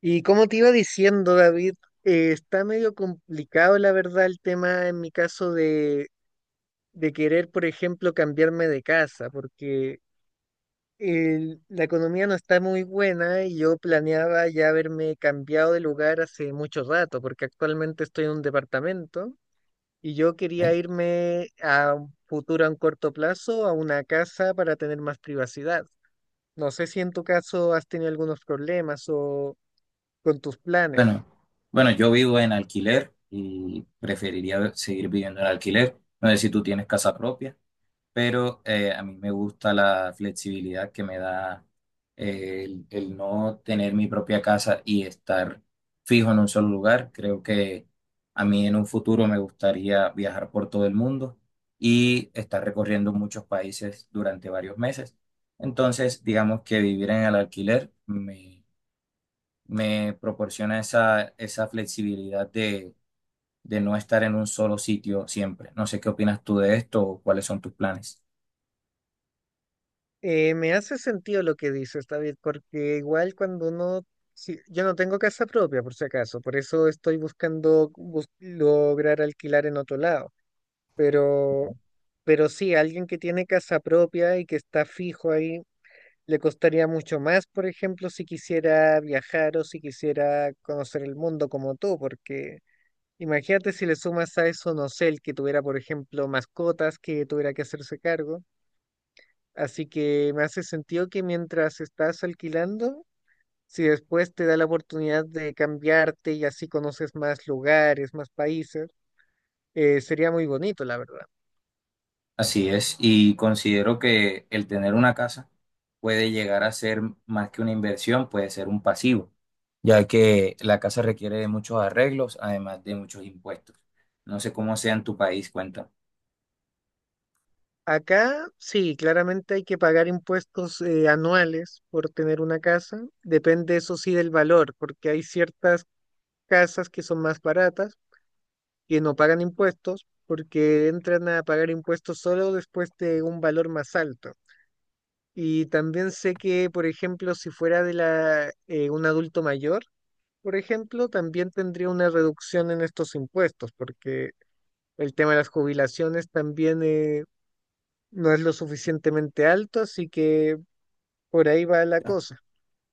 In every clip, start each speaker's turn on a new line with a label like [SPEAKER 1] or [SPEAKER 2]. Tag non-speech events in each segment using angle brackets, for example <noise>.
[SPEAKER 1] Y como te iba diciendo, David, está medio complicado, la verdad, el tema en mi caso de querer, por ejemplo, cambiarme de casa, porque la economía no está muy buena y yo planeaba ya haberme cambiado de lugar hace mucho rato, porque actualmente estoy en un departamento y yo
[SPEAKER 2] Eh,
[SPEAKER 1] quería irme a un futuro, a un corto plazo, a una casa para tener más privacidad. No sé si en tu caso has tenido algunos problemas o con tus planes.
[SPEAKER 2] Bueno, bueno, yo vivo en alquiler y preferiría seguir viviendo en alquiler. No sé si tú tienes casa propia, pero a mí me gusta la flexibilidad que me da el no tener mi propia casa y estar fijo en un solo lugar. Creo que a mí en un futuro me gustaría viajar por todo el mundo y estar recorriendo muchos países durante varios meses. Entonces, digamos que vivir en el alquiler me proporciona esa flexibilidad de no estar en un solo sitio siempre. No sé qué opinas tú de esto o cuáles son tus planes.
[SPEAKER 1] Me hace sentido lo que dices, David, porque igual cuando uno, si- yo no tengo casa propia, por si acaso, por eso estoy buscando lograr alquilar en otro lado, pero, pero sí, alguien que tiene casa propia y que está fijo ahí le costaría mucho más, por ejemplo, si quisiera viajar o si quisiera conocer el mundo como tú, porque imagínate si le sumas a eso, no sé, el que tuviera, por ejemplo, mascotas que tuviera que hacerse cargo. Así que me hace sentido que mientras estás alquilando, si después te da la oportunidad de cambiarte y así conoces más lugares, más países, sería muy bonito, la verdad.
[SPEAKER 2] Así es, y considero que el tener una casa puede llegar a ser más que una inversión, puede ser un pasivo, ya que la casa requiere de muchos arreglos, además de muchos impuestos. No sé cómo sea en tu país, cuenta.
[SPEAKER 1] Acá sí, claramente hay que pagar impuestos anuales por tener una casa. Depende eso sí del valor, porque hay ciertas casas que son más baratas que no pagan impuestos porque entran a pagar impuestos solo después de un valor más alto. Y también sé que, por ejemplo, si fuera un adulto mayor, por ejemplo, también tendría una reducción en estos impuestos, porque el tema de las jubilaciones también no es lo suficientemente alto, así que por ahí va la
[SPEAKER 2] Ya,
[SPEAKER 1] cosa.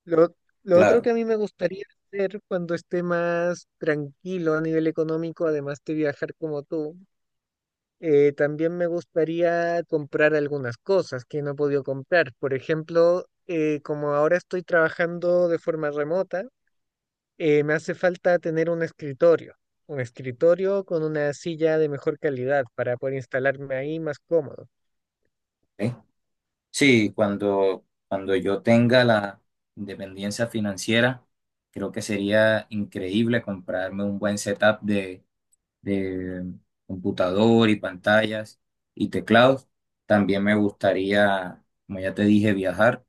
[SPEAKER 1] Lo, lo otro que
[SPEAKER 2] claro.
[SPEAKER 1] a mí me gustaría hacer cuando esté más tranquilo a nivel económico, además de viajar como tú, también me gustaría comprar algunas cosas que no he podido comprar. Por ejemplo, como ahora estoy trabajando de forma remota, me hace falta tener un escritorio con una silla de mejor calidad para poder instalarme ahí más cómodo.
[SPEAKER 2] ¿Ok? Sí, cuando yo tenga la independencia financiera, creo que sería increíble comprarme un buen setup de computador y pantallas y teclados. También me gustaría, como ya te dije, viajar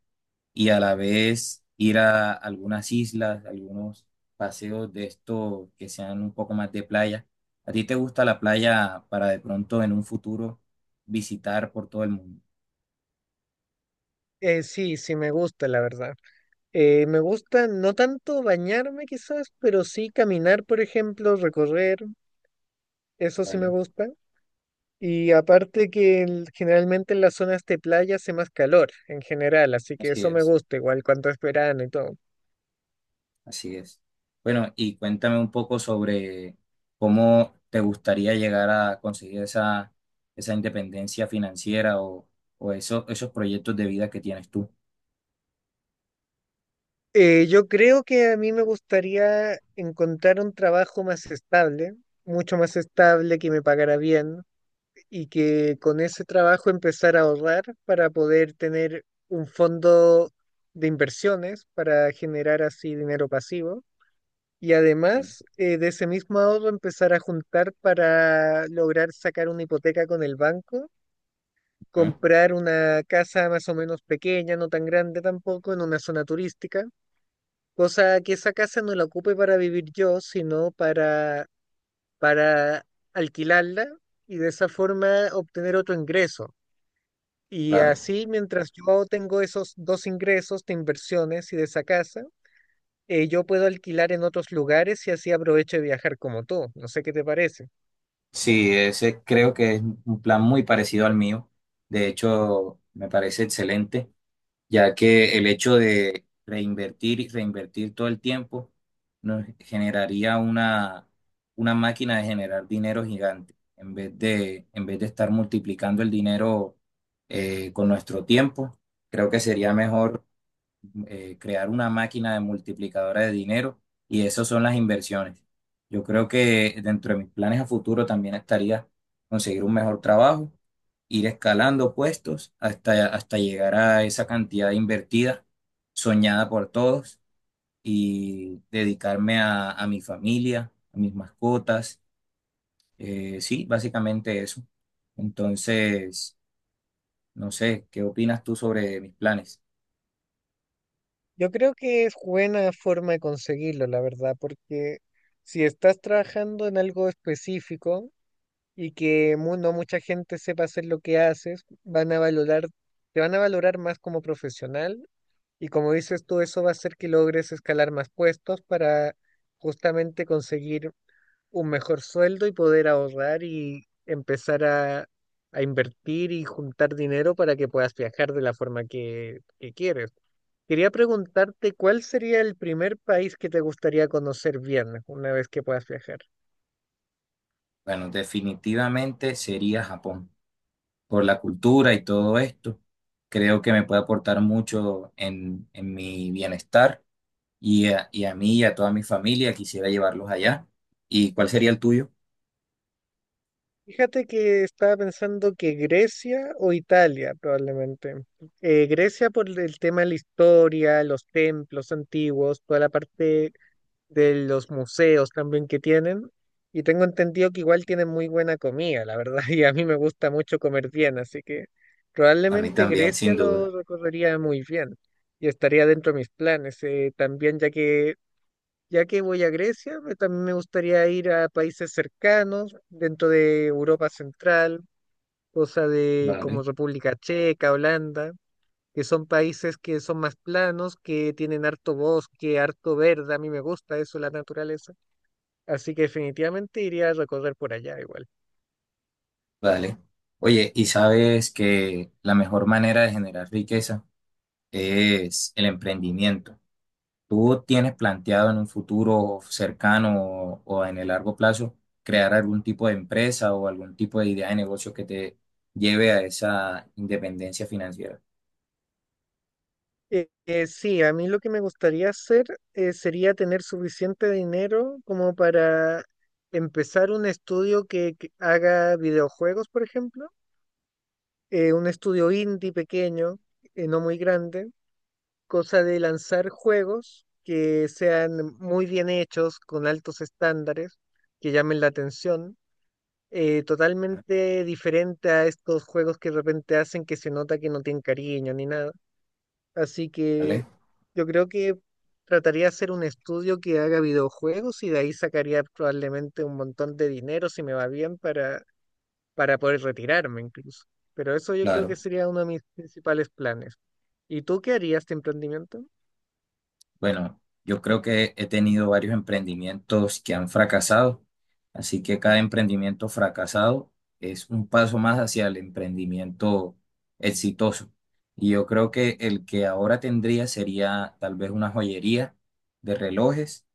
[SPEAKER 2] y a la vez ir a algunas islas, algunos paseos de estos que sean un poco más de playa. ¿A ti te gusta la playa para de pronto en un futuro visitar por todo el mundo?
[SPEAKER 1] Sí me gusta, la verdad. Me gusta no tanto bañarme quizás, pero sí caminar, por ejemplo, recorrer, eso sí me
[SPEAKER 2] ¿Vale?
[SPEAKER 1] gusta. Y aparte que generalmente en las zonas de playa hace más calor en general, así que
[SPEAKER 2] Así
[SPEAKER 1] eso me
[SPEAKER 2] es.
[SPEAKER 1] gusta igual cuando es verano y todo.
[SPEAKER 2] Así es. Bueno, y cuéntame un poco sobre cómo te gustaría llegar a conseguir esa independencia financiera o esos proyectos de vida que tienes tú.
[SPEAKER 1] Yo creo que a mí me gustaría encontrar un trabajo más estable, mucho más estable, que me pagara bien y que con ese trabajo empezar a ahorrar para poder tener un fondo de inversiones para generar así dinero pasivo. Y además, de ese mismo ahorro empezar a juntar para lograr sacar una hipoteca con el banco,
[SPEAKER 2] Ujú.
[SPEAKER 1] comprar una casa más o menos pequeña, no tan grande tampoco, en una zona turística, cosa que esa casa no la ocupe para vivir yo, sino para alquilarla y de esa forma obtener otro ingreso. Y
[SPEAKER 2] Claro.
[SPEAKER 1] así, mientras yo tengo esos dos ingresos de inversiones y de esa casa, yo puedo alquilar en otros lugares y así aprovecho de viajar como tú. No sé qué te parece.
[SPEAKER 2] Sí, ese creo que es un plan muy parecido al mío. De hecho, me parece excelente, ya que el hecho de reinvertir y reinvertir todo el tiempo nos generaría una máquina de generar dinero gigante, en vez de estar multiplicando el dinero con nuestro tiempo. Creo que sería mejor crear una máquina de multiplicadora de dinero, y eso son las inversiones. Yo creo que dentro de mis planes a futuro también estaría conseguir un mejor trabajo, ir escalando puestos hasta llegar a esa cantidad invertida, soñada por todos, y dedicarme a mi familia, a mis mascotas. Sí, básicamente eso. Entonces, no sé, ¿qué opinas tú sobre mis planes?
[SPEAKER 1] Yo creo que es buena forma de conseguirlo, la verdad, porque si estás trabajando en algo específico y que no mucha gente sepa hacer lo que haces, van a valorar, te van a valorar más como profesional y como dices tú, eso va a hacer que logres escalar más puestos para justamente conseguir un mejor sueldo y poder ahorrar y empezar a invertir y juntar dinero para que puedas viajar de la forma que quieres. Quería preguntarte cuál sería el primer país que te gustaría conocer bien una vez que puedas viajar.
[SPEAKER 2] Bueno, definitivamente sería Japón, por la cultura y todo esto. Creo que me puede aportar mucho en mi bienestar y a mí y a toda mi familia. Quisiera llevarlos allá. ¿Y cuál sería el tuyo?
[SPEAKER 1] Fíjate que estaba pensando que Grecia o Italia probablemente. Grecia por el tema de la historia, los templos antiguos, toda la parte de los museos también que tienen. Y tengo entendido que igual tienen muy buena comida, la verdad, <laughs> y a mí me gusta mucho comer bien, así que
[SPEAKER 2] A mí
[SPEAKER 1] probablemente
[SPEAKER 2] también,
[SPEAKER 1] Grecia
[SPEAKER 2] sin duda.
[SPEAKER 1] lo recorrería muy bien y estaría dentro de mis planes. También ya que voy a Grecia, también me gustaría ir a países cercanos, dentro de Europa Central, cosa de como
[SPEAKER 2] Vale,
[SPEAKER 1] República Checa, Holanda, que son países que son más planos, que tienen harto bosque, harto verde, a mí me gusta eso, la naturaleza. Así que definitivamente iría a recorrer por allá igual.
[SPEAKER 2] vale. Oye, y sabes que la mejor manera de generar riqueza es el emprendimiento. ¿Tú tienes planteado en un futuro cercano o en el largo plazo crear algún tipo de empresa o algún tipo de idea de negocio que te lleve a esa independencia financiera?
[SPEAKER 1] Sí, a mí lo que me gustaría hacer sería tener suficiente dinero como para empezar un estudio que haga videojuegos, por ejemplo, un estudio indie pequeño, no muy grande, cosa de lanzar juegos que sean muy bien hechos, con altos estándares, que llamen la atención, totalmente diferente a estos juegos que de repente hacen que se nota que no tienen cariño ni nada. Así que
[SPEAKER 2] ¿Vale?
[SPEAKER 1] yo creo que trataría de hacer un estudio que haga videojuegos y de ahí sacaría probablemente un montón de dinero si me va bien para poder retirarme incluso. Pero eso yo creo que
[SPEAKER 2] Claro.
[SPEAKER 1] sería uno de mis principales planes. ¿Y tú qué harías de emprendimiento?
[SPEAKER 2] Bueno, yo creo que he tenido varios emprendimientos que han fracasado, así que cada emprendimiento fracasado es un paso más hacia el emprendimiento exitoso. Y yo creo que el que ahora tendría sería tal vez una joyería de relojes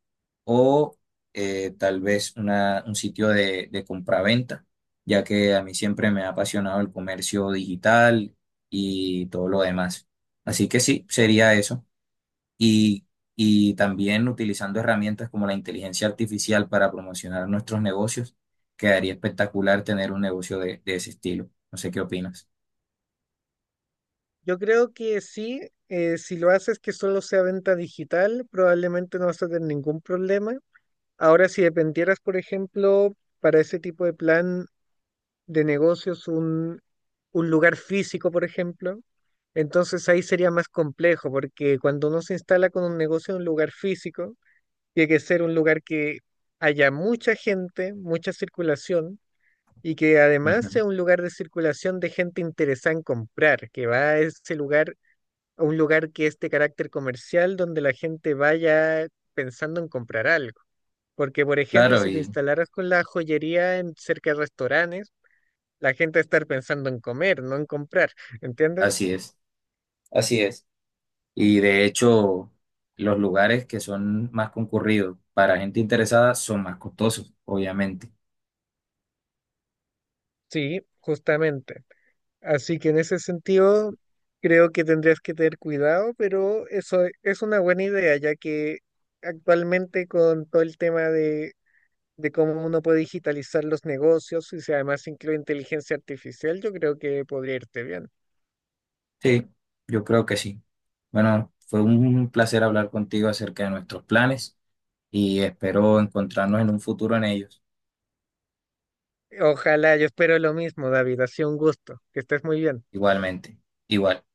[SPEAKER 2] o tal vez un sitio de compraventa, ya que a mí siempre me ha apasionado el comercio digital y todo lo demás. Así que sí, sería eso. Y, y también utilizando herramientas como la inteligencia artificial para promocionar nuestros negocios, quedaría espectacular tener un negocio de ese estilo. No sé qué opinas.
[SPEAKER 1] Yo creo que sí, si lo haces que solo sea venta digital, probablemente no vas a tener ningún problema. Ahora, si dependieras, por ejemplo, para ese tipo de plan de negocios un lugar físico, por ejemplo, entonces ahí sería más complejo, porque cuando uno se instala con un negocio en un lugar físico, tiene que ser un lugar que haya mucha gente, mucha circulación, y que además
[SPEAKER 2] Ujú.
[SPEAKER 1] sea un lugar de circulación de gente interesada en comprar, que va a ese lugar, a un lugar que es de carácter comercial, donde la gente vaya pensando en comprar algo. Porque, por ejemplo,
[SPEAKER 2] Claro,
[SPEAKER 1] si te
[SPEAKER 2] y
[SPEAKER 1] instalaras con la joyería en cerca de restaurantes, la gente va a estar pensando en comer, no en comprar, ¿entiendes?
[SPEAKER 2] así es. Así es. Y de hecho, los lugares que son más concurridos para gente interesada son más costosos, obviamente.
[SPEAKER 1] Sí, justamente. Así que en ese sentido, creo que tendrías que tener cuidado, pero eso es una buena idea, ya que actualmente con todo el tema de cómo uno puede digitalizar los negocios y si además incluye inteligencia artificial, yo creo que podría irte bien.
[SPEAKER 2] Sí, yo creo que sí. Bueno, fue un placer hablar contigo acerca de nuestros planes y espero encontrarnos en un futuro en ellos.
[SPEAKER 1] Ojalá, yo espero lo mismo, David. Ha sido un gusto. Que estés muy bien.
[SPEAKER 2] Igualmente, igual.